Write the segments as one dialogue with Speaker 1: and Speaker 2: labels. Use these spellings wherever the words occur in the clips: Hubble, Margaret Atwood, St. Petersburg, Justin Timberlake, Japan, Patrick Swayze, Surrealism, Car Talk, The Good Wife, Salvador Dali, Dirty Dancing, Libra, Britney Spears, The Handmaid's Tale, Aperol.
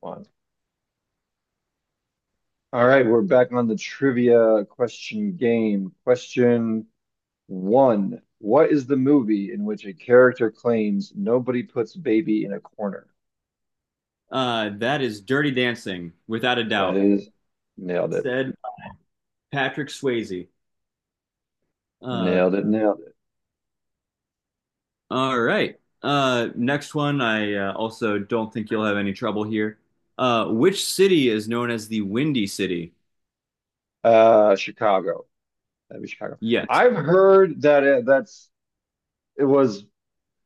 Speaker 1: One. All right, we're back on the trivia question game. Question one. What is the movie in which a character claims nobody puts baby in a corner?
Speaker 2: That is Dirty Dancing, without a
Speaker 1: That
Speaker 2: doubt,
Speaker 1: is nailed it.
Speaker 2: said Patrick Swayze. Uh,
Speaker 1: Nailed it. Nailed it.
Speaker 2: all right. Next one, I also don't think you'll have any trouble here. Which city is known as the Windy City?
Speaker 1: Chicago. That'd be Chicago.
Speaker 2: Yes.
Speaker 1: I've heard that it, that's it was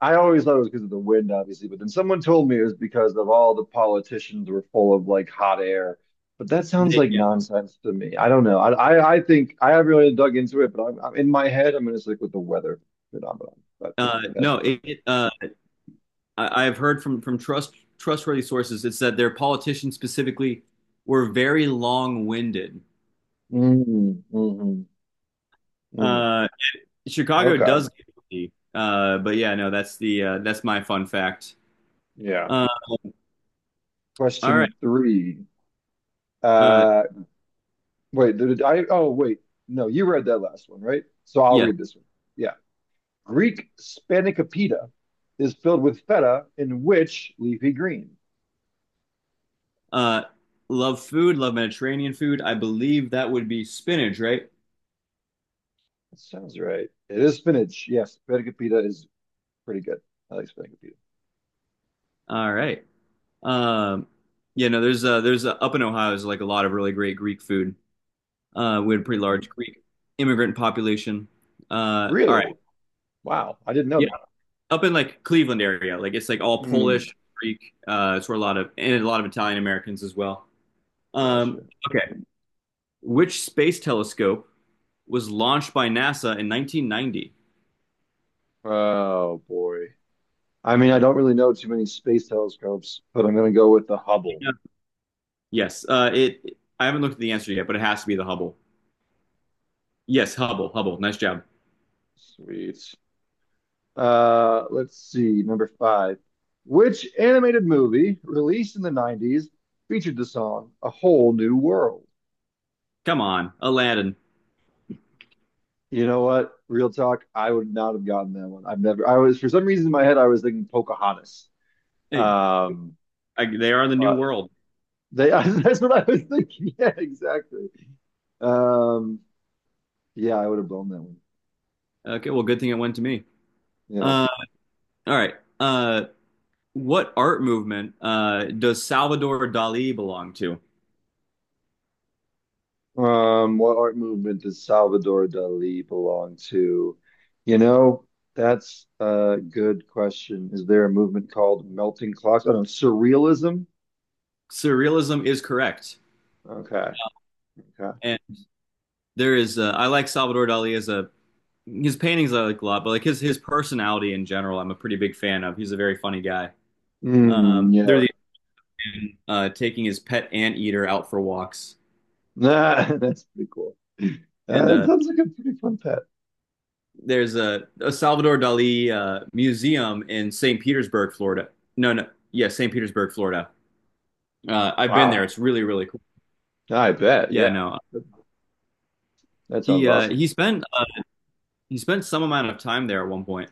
Speaker 1: I always thought it was because of the wind, obviously, but then someone told me it was because of all the politicians were full of like hot air. But that sounds
Speaker 2: They,
Speaker 1: like
Speaker 2: yeah.
Speaker 1: nonsense to me. I don't know. I think I haven't really dug into it, but I'm in my head. I'm going to stick with the weather phenomenon. But that's
Speaker 2: No,
Speaker 1: just
Speaker 2: I've heard from, trust, trustworthy sources, it's that their politicians specifically were very long winded.
Speaker 1: mm, hmm. Mm.
Speaker 2: Uh, Chicago
Speaker 1: Okay.
Speaker 2: does get windy. But yeah, no, that's my fun fact.
Speaker 1: Yeah.
Speaker 2: Uh, all right.
Speaker 1: Question three.
Speaker 2: Uh,
Speaker 1: Uh, wait. Did I? Oh, wait. No, you read that last one, right? So I'll
Speaker 2: yes.
Speaker 1: read this one. Yeah. Greek spanakopita is filled with feta in which leafy green?
Speaker 2: Uh, love food, love Mediterranean food. I believe that would be spinach, right?
Speaker 1: That sounds right. It is spinach. Yes, spanakopita is pretty good. I like spanakopita.
Speaker 2: All right. Um, yeah, no, there's up in Ohio there's like a lot of really great Greek food. We had a pretty
Speaker 1: Mm.
Speaker 2: large Greek immigrant population. All right.
Speaker 1: Really? Wow, I didn't know
Speaker 2: Yeah,
Speaker 1: that.
Speaker 2: up in like Cleveland area, like it's like all Polish,
Speaker 1: Mm.
Speaker 2: Greek. It's where a lot of Italian Americans as well. Um,
Speaker 1: Gotcha.
Speaker 2: okay. Which space telescope was launched by NASA in 1990?
Speaker 1: Oh boy. I mean, I don't really know too many space telescopes, but I'm gonna go with the Hubble.
Speaker 2: Yes. It. I haven't looked at the answer yet, but it has to be the Hubble. Yes, Hubble. Hubble. Nice job.
Speaker 1: Sweet. Let's see, number five. Which animated movie released in the 90s featured the song A Whole New World?
Speaker 2: Come on, Aladdin.
Speaker 1: You know what? Real talk, I would not have gotten that one. I've never. I was for some reason in my head I was thinking Pocahontas.
Speaker 2: Hey,
Speaker 1: Um,
Speaker 2: they are the new
Speaker 1: but
Speaker 2: world.
Speaker 1: they That's what I was thinking. Yeah, exactly. Um, yeah, I would have blown that one.
Speaker 2: Okay. Well, good thing it went to me.
Speaker 1: Yeah.
Speaker 2: Uh, all right. What art movement does Salvador Dali belong to?
Speaker 1: What art movement does Salvador Dali belong to? You know, that's a good question. Is there a movement called melting clocks? Oh no, surrealism.
Speaker 2: Surrealism is correct,
Speaker 1: Okay. Okay.
Speaker 2: and there is. I like Salvador Dali as a his paintings I like a lot, but like his personality in general, I'm a pretty big fan of. He's a very funny guy.
Speaker 1: Mm,
Speaker 2: Are
Speaker 1: yeah.
Speaker 2: the taking his pet anteater out for walks,
Speaker 1: Nah, that's pretty cool. Uh,
Speaker 2: and
Speaker 1: that sounds like a pretty fun pet.
Speaker 2: there's a Salvador Dali museum in St. Petersburg, Florida. No, no, yeah, St. Petersburg, Florida. I've been there.
Speaker 1: Wow.
Speaker 2: It's really, really cool.
Speaker 1: I bet.
Speaker 2: Yeah,
Speaker 1: Yeah.
Speaker 2: no,
Speaker 1: That, that sounds
Speaker 2: he uh,
Speaker 1: awesome.
Speaker 2: he spent uh, he spent some amount of time there at one point.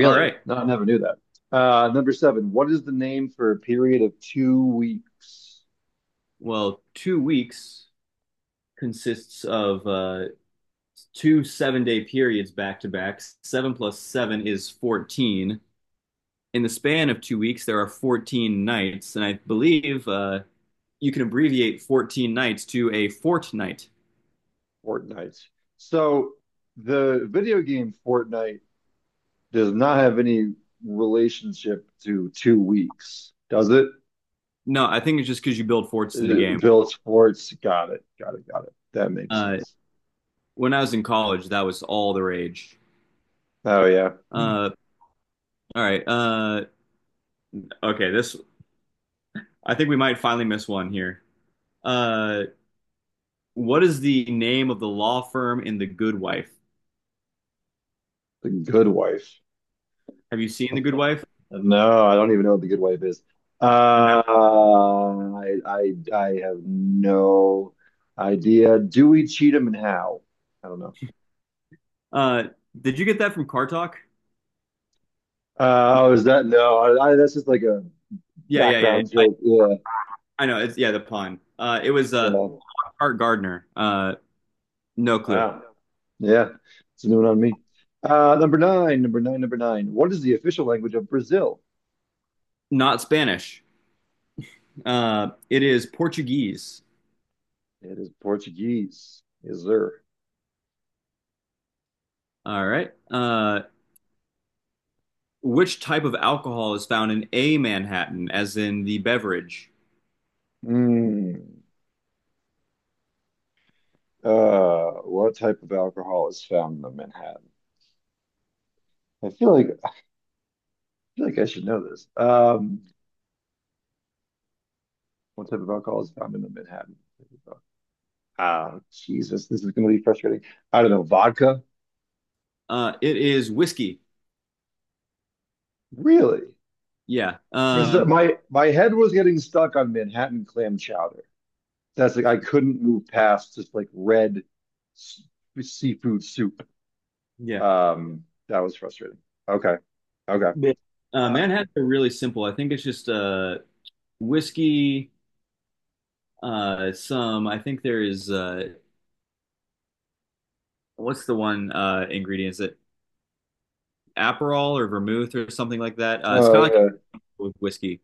Speaker 2: All right.
Speaker 1: No, I never knew that. Number seven. What is the name for a period of 2 weeks?
Speaker 2: Well, 2 weeks consists of 2 seven-day periods back to back. Seven plus seven is 14. In the span of 2 weeks, there are 14 nights, and I believe you can abbreviate 14 nights to a fortnight.
Speaker 1: Fortnite. So the video game Fortnite does not have any relationship to 2 weeks, does it?
Speaker 2: No, I think it's just because you build forts in the game.
Speaker 1: Bill Sports. Got it. Got it. Got it. That makes
Speaker 2: Uh,
Speaker 1: sense.
Speaker 2: when I was in college, that was all the rage.
Speaker 1: Oh, yeah. Hmm.
Speaker 2: Uh, all right. Okay, this I think we might finally miss one here. Uh, what is the name of the law firm in The Good Wife?
Speaker 1: The good wife.
Speaker 2: Have you seen The Good Wife?
Speaker 1: No, I don't even know what the good wife is.
Speaker 2: No.
Speaker 1: I have no idea. Dewey Cheatham and How? I don't know.
Speaker 2: Uh, did you get that from Car Talk? Did-
Speaker 1: Oh, is that no? That's just like a
Speaker 2: Yeah, yeah, yeah, yeah.
Speaker 1: background
Speaker 2: I,
Speaker 1: joke. Yeah,
Speaker 2: I know. It's, yeah, the pun. It was
Speaker 1: yeah.
Speaker 2: Art Gardner. No clue.
Speaker 1: Wow. Yeah, it's a new one on me. Number nine, number nine, number nine. What is the official language of Brazil?
Speaker 2: Not Spanish. It is Portuguese.
Speaker 1: It is Portuguese. Is there?
Speaker 2: All right. Which type of alcohol is found in a Manhattan, as in the beverage?
Speaker 1: Hmm. What type of alcohol is found in the Manhattan? I feel like I should know this. What type of alcohol is found in the Manhattan? Oh, Jesus, this is going to be frustrating. I don't know. Vodka?
Speaker 2: It is whiskey.
Speaker 1: Really?
Speaker 2: Yeah.
Speaker 1: Because my head was getting stuck on Manhattan clam chowder. That's like I couldn't move past just like red s- seafood soup.
Speaker 2: Yeah.
Speaker 1: That was frustrating. Okay, okay.
Speaker 2: Yeah. Uh,
Speaker 1: Uh,
Speaker 2: Manhattans are really simple. I think it's just whiskey, I think there is, what's the one ingredient? Is it Aperol or vermouth or something like that? It's kind of
Speaker 1: oh
Speaker 2: like with whiskey.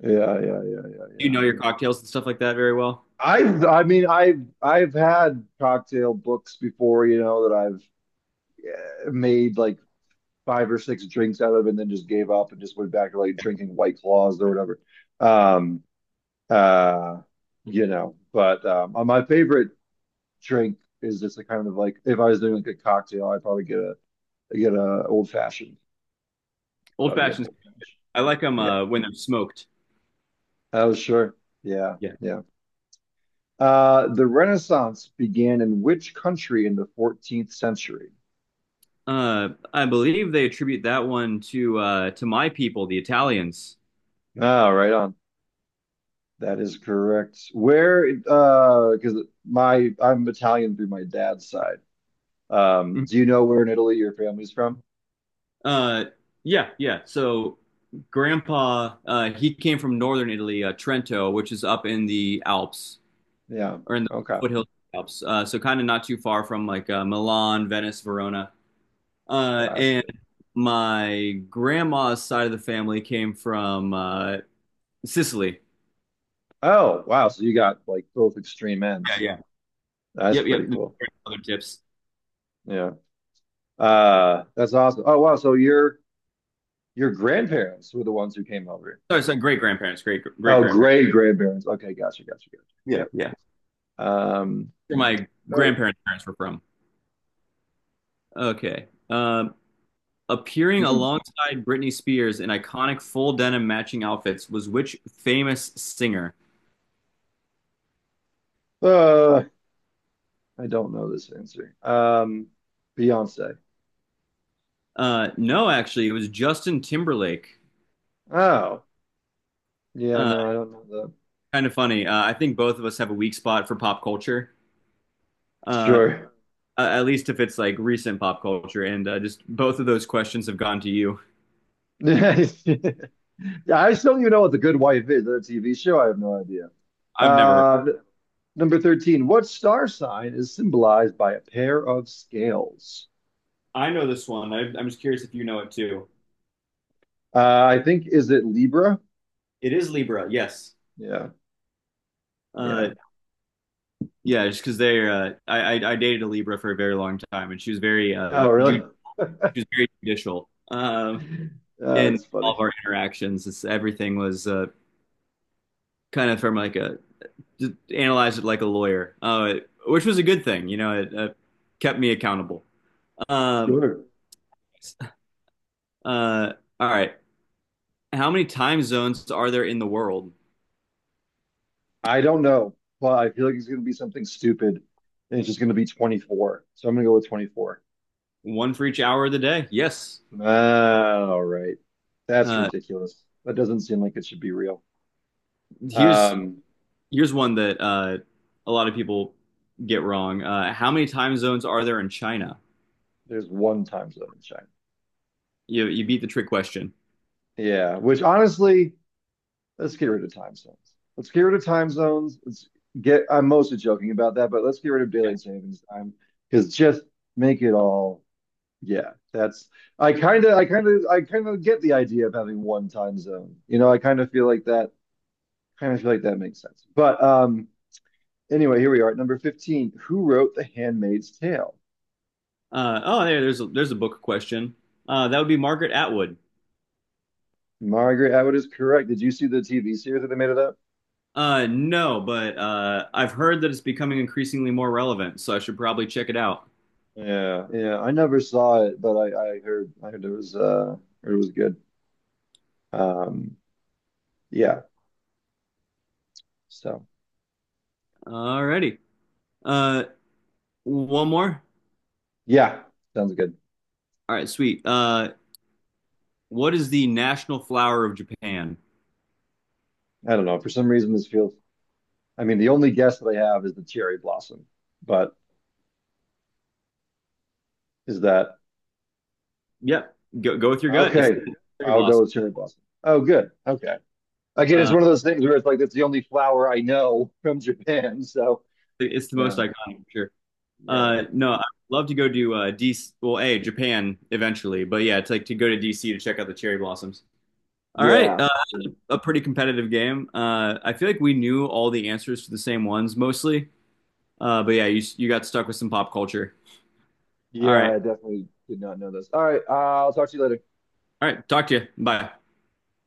Speaker 1: yeah, yeah, yeah, yeah, yeah,
Speaker 2: You
Speaker 1: yeah.
Speaker 2: know your cocktails and stuff like that very well?
Speaker 1: I mean, I've had cocktail books before, that I've made like five or six drinks out of it and then just gave up and just went back to like drinking White Claws or whatever. Um, uh, but my favorite drink is just a kind of like if I was doing like a cocktail, I'd probably get a old fashioned.
Speaker 2: Old
Speaker 1: Probably get an
Speaker 2: fashions.
Speaker 1: old fashioned.
Speaker 2: I like them
Speaker 1: Yeah.
Speaker 2: when they're smoked.
Speaker 1: Oh, sure. Yeah.
Speaker 2: Yeah.
Speaker 1: Yeah. The Renaissance began in which country in the 14th century?
Speaker 2: I believe they attribute that one to my people, the Italians.
Speaker 1: Ah, right on. That is correct. Where, because my I'm Italian through my dad's side. Do you know where in Italy your family's from?
Speaker 2: Uh, yeah, yeah. So Grandpa, he came from northern Italy, Trento, which is up in the Alps
Speaker 1: Yeah.
Speaker 2: or in the
Speaker 1: Okay.
Speaker 2: foothills of the Alps. So kind of not too far from Milan, Venice, Verona. And
Speaker 1: Gotcha.
Speaker 2: my grandma's side of the family came from Sicily.
Speaker 1: Oh, wow. So you got like both extreme
Speaker 2: Yeah,
Speaker 1: ends.
Speaker 2: yeah.
Speaker 1: That's
Speaker 2: Yep,
Speaker 1: pretty
Speaker 2: yep.
Speaker 1: cool.
Speaker 2: Other tips.
Speaker 1: Yeah. That's awesome. Oh, wow. So your grandparents were the ones who came over.
Speaker 2: Sorry, sorry. Great grandparents. Great, great
Speaker 1: Oh,
Speaker 2: grandparents.
Speaker 1: great grandparents. Okay, gotcha, gotcha, gotcha.
Speaker 2: Yeah, yeah.
Speaker 1: Yep.
Speaker 2: Where my
Speaker 1: Oh,
Speaker 2: grandparents' parents were from. Okay. Appearing
Speaker 1: mm,
Speaker 2: alongside Britney Spears in iconic full denim matching outfits was which famous singer?
Speaker 1: uh, I don't know this answer. Beyonce.
Speaker 2: No, actually, it was Justin Timberlake.
Speaker 1: Oh, yeah,
Speaker 2: Uh,
Speaker 1: no, I don't know that.
Speaker 2: kind of funny. I think both of us have a weak spot for pop culture. Uh,
Speaker 1: Sure.
Speaker 2: at least if it's like recent pop culture, and just both of those questions have gone to you.
Speaker 1: Yeah, I still don't even know what The Good Wife is, that TV show? I have no idea.
Speaker 2: I've never. Heard.
Speaker 1: Uh, number 13. What star sign is symbolized by a pair of scales?
Speaker 2: I know this one. I'm just curious if you know it too.
Speaker 1: I think, is it Libra?
Speaker 2: It is Libra. Yes.
Speaker 1: Yeah.
Speaker 2: Uh,
Speaker 1: Yeah.
Speaker 2: Yeah, just because they're I dated a Libra for a very long time, and
Speaker 1: Oh, really?
Speaker 2: she was very judicial in
Speaker 1: It's
Speaker 2: all
Speaker 1: funny.
Speaker 2: of our interactions. It's, everything was kind of from like a just analyzed it like a lawyer, which was a good thing. You know, it kept me accountable. Um,
Speaker 1: Sure.
Speaker 2: uh, all right. How many time zones are there in the world?
Speaker 1: I don't know, but I feel like it's going to be something stupid and it's just going to be 24. So I'm going to go with 24.
Speaker 2: One for each hour of the day. Yes.
Speaker 1: Ah, all right. That's
Speaker 2: Uh,
Speaker 1: ridiculous. That doesn't seem like it should be real.
Speaker 2: here's
Speaker 1: Um,
Speaker 2: Here's one that a lot of people get wrong. How many time zones are there in China?
Speaker 1: There's one time zone in China.
Speaker 2: You beat the trick question.
Speaker 1: Yeah, which honestly, let's get rid of time zones. Let's get rid of time zones. I'm mostly joking about that, but let's get rid of daylight savings time because just make it all, yeah, that's, I kind of, I kind of, I kind of get the idea of having one time zone. You know, I kind of feel like that, kind of feel like that makes sense. But anyway, here we are at number 15. Who wrote The Handmaid's Tale?
Speaker 2: There's a book question. That would be Margaret Atwood.
Speaker 1: Margaret Atwood is correct. Did you see the TV series that they made of that?
Speaker 2: No, but I've heard that it's becoming increasingly more relevant, so I should probably check it out.
Speaker 1: Yeah, yeah. I never saw it, but I heard it was good. Um yeah. So
Speaker 2: Alrighty. Uh, one more.
Speaker 1: yeah, sounds good.
Speaker 2: All right, sweet. What is the national flower of Japan?
Speaker 1: I don't know. For some reason this feels I mean the only guess that I have is the cherry blossom. But is that
Speaker 2: Yep, go with your gut. It's
Speaker 1: okay,
Speaker 2: the cherry
Speaker 1: I'll go
Speaker 2: blossom.
Speaker 1: with cherry blossom. Oh good. Okay. Again, it's
Speaker 2: Uh,
Speaker 1: one of those things where it's like that's the only flower I know from Japan. So
Speaker 2: it's the most
Speaker 1: yeah,
Speaker 2: iconic, for sure.
Speaker 1: yeah.
Speaker 2: No, I'd love to go to DC. Well, a Japan eventually, but yeah, it's like to go to DC to check out the cherry blossoms. All right.
Speaker 1: Yeah.
Speaker 2: A pretty competitive game. I feel like we knew all the answers to the same ones mostly. But yeah, you got stuck with some pop culture. All
Speaker 1: Yeah,
Speaker 2: right,
Speaker 1: I definitely did not know this. All right, I'll talk to you later.
Speaker 2: all right. Talk to you. Bye.